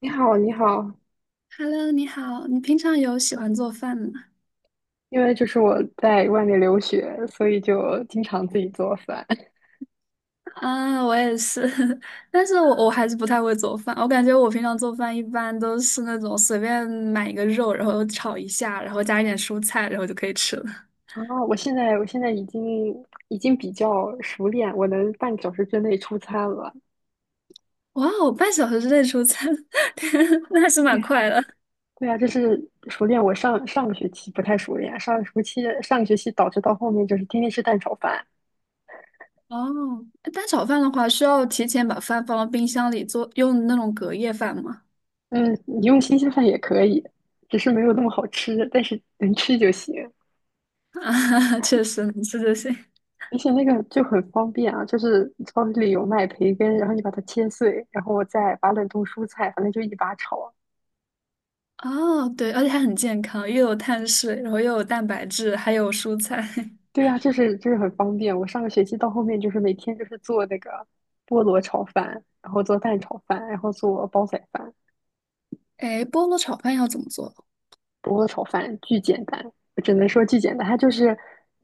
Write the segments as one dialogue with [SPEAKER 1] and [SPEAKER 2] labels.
[SPEAKER 1] 你好，你好，
[SPEAKER 2] Hello，你好，你平常有喜欢做饭吗？
[SPEAKER 1] 因为就是我在外面留学，所以就经常自己做饭。
[SPEAKER 2] 啊，我也是，但是我还是不太会做饭。我感觉我平常做饭一般都是那种随便买一个肉，然后炒一下，然后加一点蔬菜，然后就可以吃了。
[SPEAKER 1] 啊，我现在已经比较熟练，我能半个小时之内出餐了。
[SPEAKER 2] 哇哦，半小时之内出餐，天，那还是
[SPEAKER 1] 对
[SPEAKER 2] 蛮
[SPEAKER 1] 呀，
[SPEAKER 2] 快的。
[SPEAKER 1] 对呀，就是熟练。我上上个学期不太熟练，上个学期导致到后面就是天天吃蛋炒饭。
[SPEAKER 2] 哦，蛋炒饭的话，需要提前把饭放到冰箱里做，用那种隔夜饭吗？
[SPEAKER 1] 嗯，你用新鲜饭也可以，只是没有那么好吃，但是能吃就行。
[SPEAKER 2] 啊，确实能吃就行。
[SPEAKER 1] 而且那个就很方便啊，就是超市里有卖培根，然后你把它切碎，然后我再把冷冻蔬菜，反正就一把炒。
[SPEAKER 2] 哦，对，而且还很健康，又有碳水，然后又有蛋白质，还有蔬菜。
[SPEAKER 1] 对呀，就是很方便。我上个学期到后面就是每天就是做那个菠萝炒饭，然后做蛋炒饭，然后做煲仔饭。
[SPEAKER 2] 哎，菠萝炒饭要怎么做？
[SPEAKER 1] 菠萝炒饭巨简单，我只能说巨简单。它就是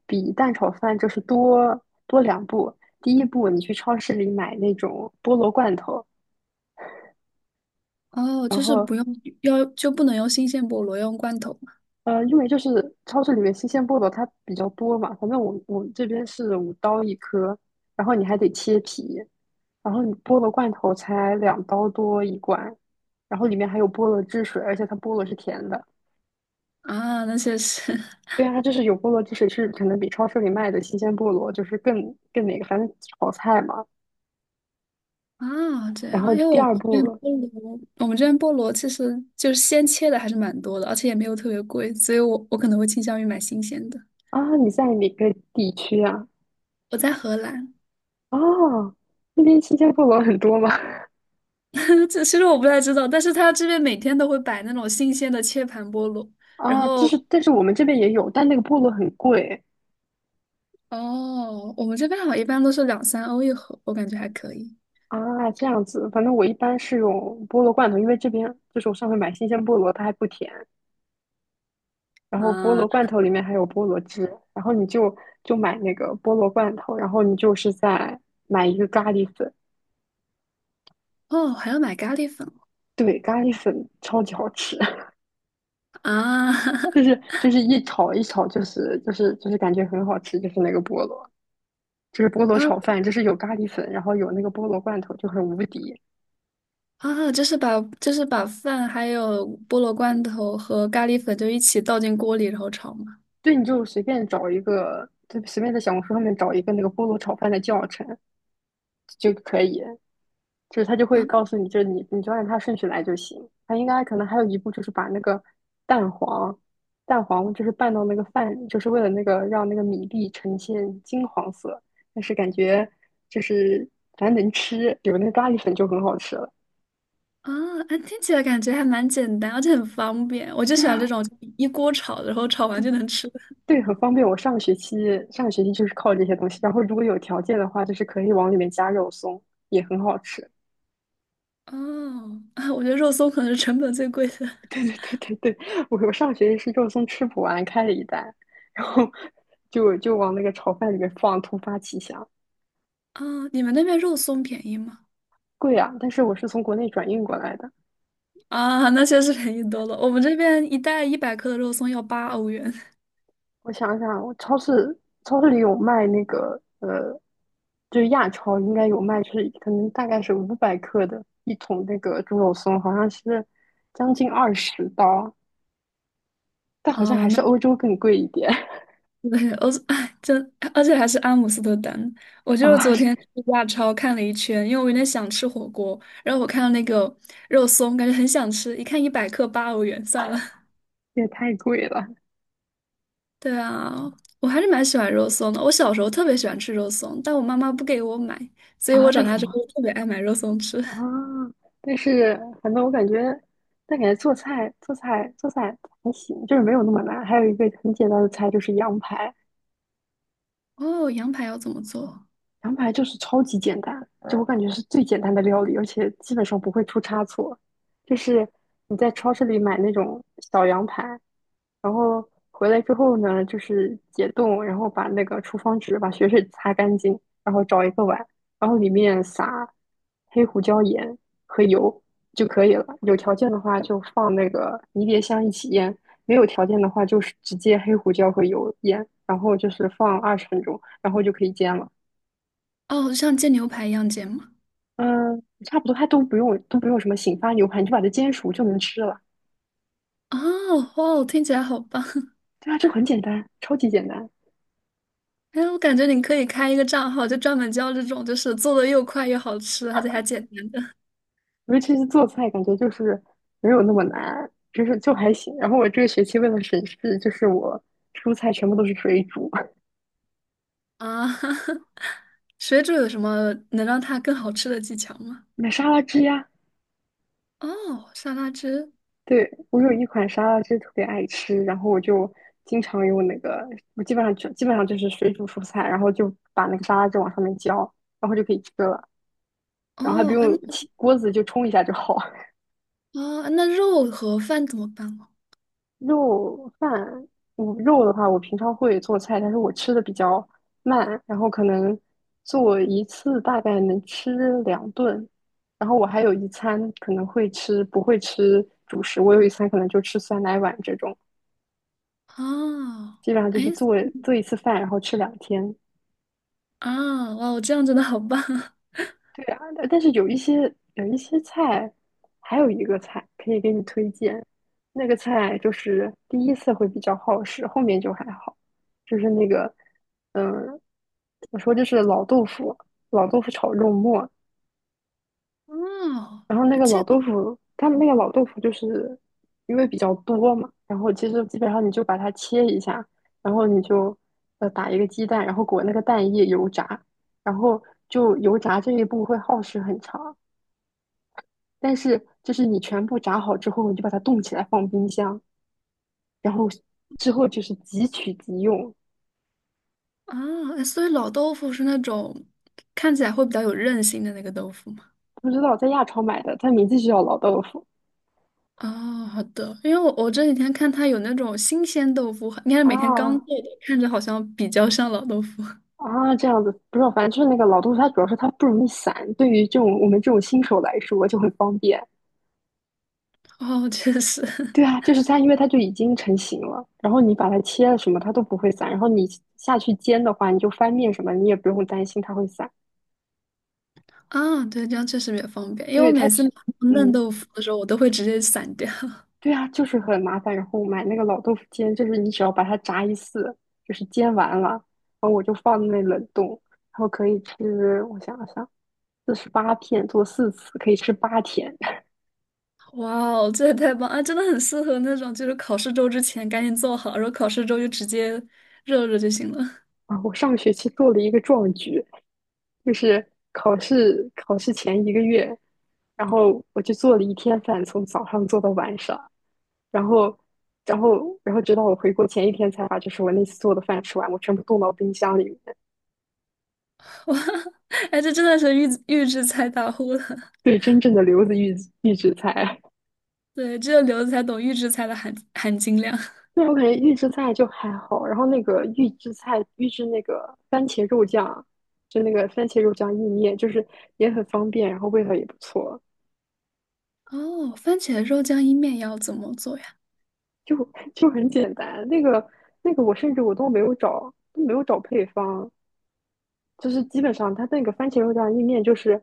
[SPEAKER 1] 比蛋炒饭就是多两步。第一步，你去超市里买那种菠萝罐头，
[SPEAKER 2] 哦，
[SPEAKER 1] 然
[SPEAKER 2] 就是
[SPEAKER 1] 后。
[SPEAKER 2] 不用，要就不能用新鲜菠萝，要用罐头嘛？
[SPEAKER 1] 因为就是超市里面新鲜菠萝它比较多嘛，反正我们这边是5刀一颗，然后你还得切皮，然后你菠萝罐头才2刀多一罐，然后里面还有菠萝汁水，而且它菠萝是甜的。
[SPEAKER 2] 啊，那些是
[SPEAKER 1] 对啊，它就是有菠萝汁水，是可能比超市里卖的新鲜菠萝就是更那个，反正炒菜嘛。
[SPEAKER 2] 啊，这
[SPEAKER 1] 然
[SPEAKER 2] 样，
[SPEAKER 1] 后
[SPEAKER 2] 因为
[SPEAKER 1] 第
[SPEAKER 2] 我们
[SPEAKER 1] 二
[SPEAKER 2] 这边
[SPEAKER 1] 步
[SPEAKER 2] 菠萝，我们这边菠萝其实就是鲜切的还是蛮多的，而且也没有特别贵，所以我可能会倾向于买新鲜的。
[SPEAKER 1] 啊，你在哪个地区啊？
[SPEAKER 2] 我在荷兰，
[SPEAKER 1] 哦，那边新鲜菠萝很多吗？
[SPEAKER 2] 这其实我不太知道，但是他这边每天都会摆那种新鲜的切盘菠萝，然
[SPEAKER 1] 啊，就
[SPEAKER 2] 后
[SPEAKER 1] 是但是我们这边也有，但那个菠萝很贵。
[SPEAKER 2] 哦，我们这边好像一般都是两三欧一盒，我感觉还可以
[SPEAKER 1] 啊，这样子，反正我一般是用菠萝罐头，因为这边就是我上回买新鲜菠萝，它还不甜。然后菠萝罐
[SPEAKER 2] 啊。
[SPEAKER 1] 头里面还有菠萝汁，然后你就买那个菠萝罐头，然后你就是再买一个咖喱粉，
[SPEAKER 2] 哦，还要买咖喱粉。
[SPEAKER 1] 对，咖喱粉超级好吃，
[SPEAKER 2] 啊
[SPEAKER 1] 就是 就是一炒一炒，就是感觉很好吃，就是那个菠萝，就是菠萝
[SPEAKER 2] 啊
[SPEAKER 1] 炒饭，就是有咖喱粉，然后有那个菠萝罐头，就很无敌。
[SPEAKER 2] 啊！就是把饭还有菠萝罐头和咖喱粉就一起倒进锅里然后炒嘛。
[SPEAKER 1] 对，你就随便找一个，就随便在小红书上面找一个那个菠萝炒饭的教程，就可以，就是他就
[SPEAKER 2] 啊
[SPEAKER 1] 会告诉你，就是你就按它顺序来就行。他应该可能还有一步就是把那个蛋黄，蛋黄就是拌到那个饭里，就是为了那个让那个米粒呈现金黄色。但是感觉就是反正能吃，有那个咖喱粉就很好吃了。
[SPEAKER 2] 啊！哎，听起来感觉还蛮简单，而且很方便。我就
[SPEAKER 1] 对
[SPEAKER 2] 喜欢这
[SPEAKER 1] 啊，
[SPEAKER 2] 种一锅炒，然后炒完
[SPEAKER 1] 对
[SPEAKER 2] 就能吃的。
[SPEAKER 1] 对，很方便。我上学期就是靠这些东西，然后如果有条件的话，就是可以往里面加肉松，也很好吃。
[SPEAKER 2] 哦，啊，我觉得肉松可能是成本最贵的。
[SPEAKER 1] 对 对对对对，我上学期是肉松吃不完，开了一袋，然后就往那个炒饭里面放，突发奇想，
[SPEAKER 2] 啊，你们那边肉松便宜吗？
[SPEAKER 1] 贵啊！但是我是从国内转运过来的。
[SPEAKER 2] 啊，那确实便宜多了。我们这边一袋一百克的肉松要八欧元。
[SPEAKER 1] 我想想，我超市里有卖那个就是亚超应该有卖，就是可能大概是500克的一桶那个猪肉松，好像是将近20刀，但好像
[SPEAKER 2] 啊。
[SPEAKER 1] 还
[SPEAKER 2] 那。
[SPEAKER 1] 是欧洲更贵一点
[SPEAKER 2] 对，我哎，真，而且还是阿姆斯特丹。我 就是
[SPEAKER 1] 啊，
[SPEAKER 2] 昨天
[SPEAKER 1] 这
[SPEAKER 2] 去亚超看了一圈，因为我有点想吃火锅，然后我看到那个肉松，感觉很想吃，一看一百克八欧元，算了。
[SPEAKER 1] 也太贵了
[SPEAKER 2] 对啊，我还是蛮喜欢肉松的。我小时候特别喜欢吃肉松，但我妈妈不给我买，所以我
[SPEAKER 1] 啊！为
[SPEAKER 2] 长大
[SPEAKER 1] 什
[SPEAKER 2] 之
[SPEAKER 1] 么？
[SPEAKER 2] 后特别爱买肉松吃。
[SPEAKER 1] 啊，但是反正我感觉，但感觉做菜还行，就是没有那么难。还有一个很简单的菜就是羊排，
[SPEAKER 2] 哦，羊排要怎么做？
[SPEAKER 1] 羊排就是超级简单，就我感觉是最简单的料理，而且基本上不会出差错。就是你在超市里买那种小羊排，然后回来之后呢，就是解冻，然后把那个厨房纸把血水擦干净，然后找一个碗，然后里面撒黑胡椒盐和油就可以了。有条件的话就放那个迷迭香一起腌，没有条件的话就是直接黑胡椒和油腌，然后就是放20分钟，然后就可以煎了。
[SPEAKER 2] 哦，像煎牛排一样煎吗？
[SPEAKER 1] 嗯，差不多，它都不用什么醒发牛排，你就把它煎熟就能吃了。
[SPEAKER 2] 哦，哦，听起来好棒！
[SPEAKER 1] 对啊，就很简单，超级简单。
[SPEAKER 2] 哎，我感觉你可以开一个账号，就专门教这种，就是做的又快又好吃，而且还简单的
[SPEAKER 1] 尤其是做菜，感觉就是没有那么难，就是就还行。然后我这个学期为了省事，就是我蔬菜全部都是水煮，
[SPEAKER 2] 啊。水煮有什么能让它更好吃的技巧吗？
[SPEAKER 1] 买沙拉汁呀。
[SPEAKER 2] 哦，沙拉汁。
[SPEAKER 1] 对，我有一款沙拉汁特别爱吃，然后我就经常用那个，我基本上就是水煮蔬菜，然后就把那个沙拉汁往上面浇，然后就可以吃了，然后还不
[SPEAKER 2] 哦，哎，那
[SPEAKER 1] 用起锅子就冲一下就好。
[SPEAKER 2] 哦，那肉和饭怎么办哦？
[SPEAKER 1] 肉饭，我肉的话，我平常会做菜，但是我吃的比较慢，然后可能做一次大概能吃2顿，然后我还有一餐可能会吃，不会吃主食，我有一餐可能就吃酸奶碗这种，
[SPEAKER 2] 哦，
[SPEAKER 1] 基本上就
[SPEAKER 2] 哎，
[SPEAKER 1] 是做一次饭，然后吃2天。
[SPEAKER 2] 啊，哇，我这样真的好棒啊！
[SPEAKER 1] 对啊，但是有一些菜，还有一个菜可以给你推荐，那个菜就是第一次会比较耗时，后面就还好，就是那个，嗯，怎么说就是老豆腐，老豆腐炒肉末，
[SPEAKER 2] 哦，
[SPEAKER 1] 然后那
[SPEAKER 2] 哎
[SPEAKER 1] 个老
[SPEAKER 2] 这个
[SPEAKER 1] 豆腐，他们那个老豆腐就是因为比较多嘛，然后其实基本上你就把它切一下，然后你就打一个鸡蛋，然后裹那个蛋液油炸，然后就油炸这一步会耗时很长。但是就是你全部炸好之后，你就把它冻起来放冰箱，然后之后就是即取即用。
[SPEAKER 2] 啊，哎所以老豆腐是那种看起来会比较有韧性的那个豆腐吗。
[SPEAKER 1] 不知道在亚超买的，它名字就叫老豆腐
[SPEAKER 2] 哦，好的，因为我这几天看它有那种新鲜豆腐，应该是每天刚
[SPEAKER 1] 啊
[SPEAKER 2] 做的，看着好像比较像老豆腐。
[SPEAKER 1] 啊，这样子不知道，反正就是那个老豆腐，它主要是它不容易散，对于这种我们这种新手来说就很方便。
[SPEAKER 2] 哦，确实，
[SPEAKER 1] 对啊，就是它，因为它就已经成型了，然后你把它切了什么，它都不会散。然后你下去煎的话，你就翻面什么，你也不用担心它会散。
[SPEAKER 2] 啊，对，这样确实比较方便，因为我
[SPEAKER 1] 对它
[SPEAKER 2] 每次
[SPEAKER 1] 只，
[SPEAKER 2] 拿到嫩
[SPEAKER 1] 嗯，
[SPEAKER 2] 豆腐的时候，我都会直接散掉。
[SPEAKER 1] 对啊，就是很麻烦。然后买那个老豆腐煎，就是你只要把它炸一次，就是煎完了，然后我就放在那冷冻，然后可以吃，我想了想，48片做4次，可以吃8天。
[SPEAKER 2] 哇哦，这也太棒啊！真的很适合那种就是考试周之前赶紧做好，然后考试周就直接热热就行了。
[SPEAKER 1] 啊，我上个学期做了一个壮举，就是考试前一个月，然后我就做了一天饭，从早上做到晚上，然后，然后直到我回国前一天才把就是我那次做的饭吃完，我全部冻到冰箱里面。
[SPEAKER 2] 哎，这真的是预制菜大户了。
[SPEAKER 1] 对，真正的留子预制菜。
[SPEAKER 2] 对，只有刘子才懂预制菜的含金量。
[SPEAKER 1] 对，我感觉预制菜就还好，然后那个预制那个番茄肉酱，就那个番茄肉酱意面，就是也很方便，然后味道也不错，
[SPEAKER 2] 哦，番茄肉酱意面要怎么做呀？
[SPEAKER 1] 就 就很简单。那个我甚至都没有找配方，就是基本上它那个番茄肉酱意面就是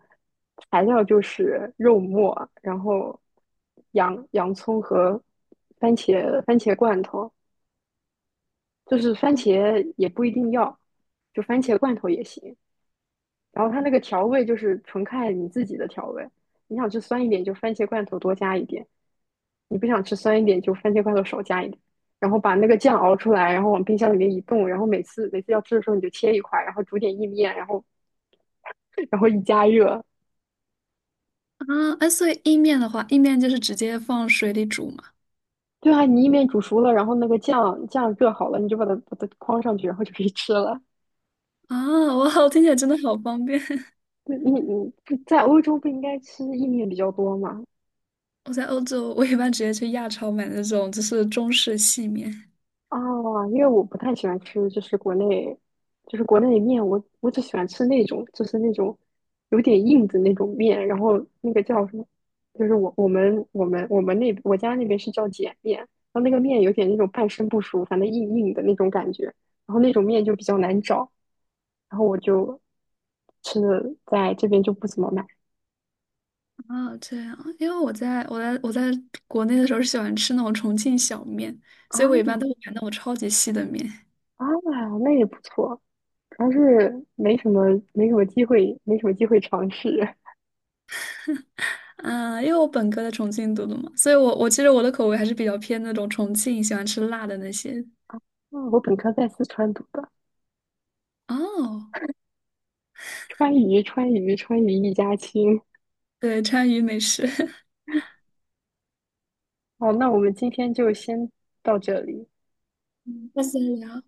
[SPEAKER 1] 材料就是肉末，然后洋葱和番茄罐头，就是番
[SPEAKER 2] 哦。
[SPEAKER 1] 茄也不一定要，就番茄罐头也行。然后它那个调味就是纯看你自己的调味，你想吃酸一点就番茄罐头多加一点，你不想吃酸一点就番茄罐头少加一点，然后把那个酱熬出来，然后往冰箱里面一冻，然后每次要吃的时候你就切一块，然后煮点意面，然后一加热，
[SPEAKER 2] 啊，哎，所以意面的话，意面就是直接放水里煮嘛。
[SPEAKER 1] 对啊，你意面煮熟了，然后那个酱热好了，你就把它框上去，然后就可以吃了。
[SPEAKER 2] 啊，哇，我听起来真的好方便。
[SPEAKER 1] 对你在欧洲不应该吃意面比较多吗？
[SPEAKER 2] 我在欧洲，我一般直接去亚超买那种就是中式细面。
[SPEAKER 1] 啊，因为我不太喜欢吃，就是国内，就是国内的面，我只喜欢吃那种，就是那种有点硬的那种面，然后那个叫什么，就是我们那我家那边是叫碱面，然后那个面有点那种半生不熟，反正硬硬的那种感觉，然后那种面就比较难找，然后我就吃的在这边就不怎么买
[SPEAKER 2] 啊，这样，因为我在国内的时候是喜欢吃那种重庆小面，
[SPEAKER 1] 啊
[SPEAKER 2] 所以我一般都会买那种超级细的面。
[SPEAKER 1] 啊，那也不错，主要是没什么机会，没什么机会尝试。
[SPEAKER 2] 啊，因为我本科在重庆读的嘛，所以我其实我的口味还是比较偏那种重庆喜欢吃辣的那些。
[SPEAKER 1] 嗯，我本科在四川读的。
[SPEAKER 2] 哦，
[SPEAKER 1] 川渝，川渝，川渝一家亲。
[SPEAKER 2] 对，川渝美食。
[SPEAKER 1] 好，那我们今天就先到这里。
[SPEAKER 2] 下次聊。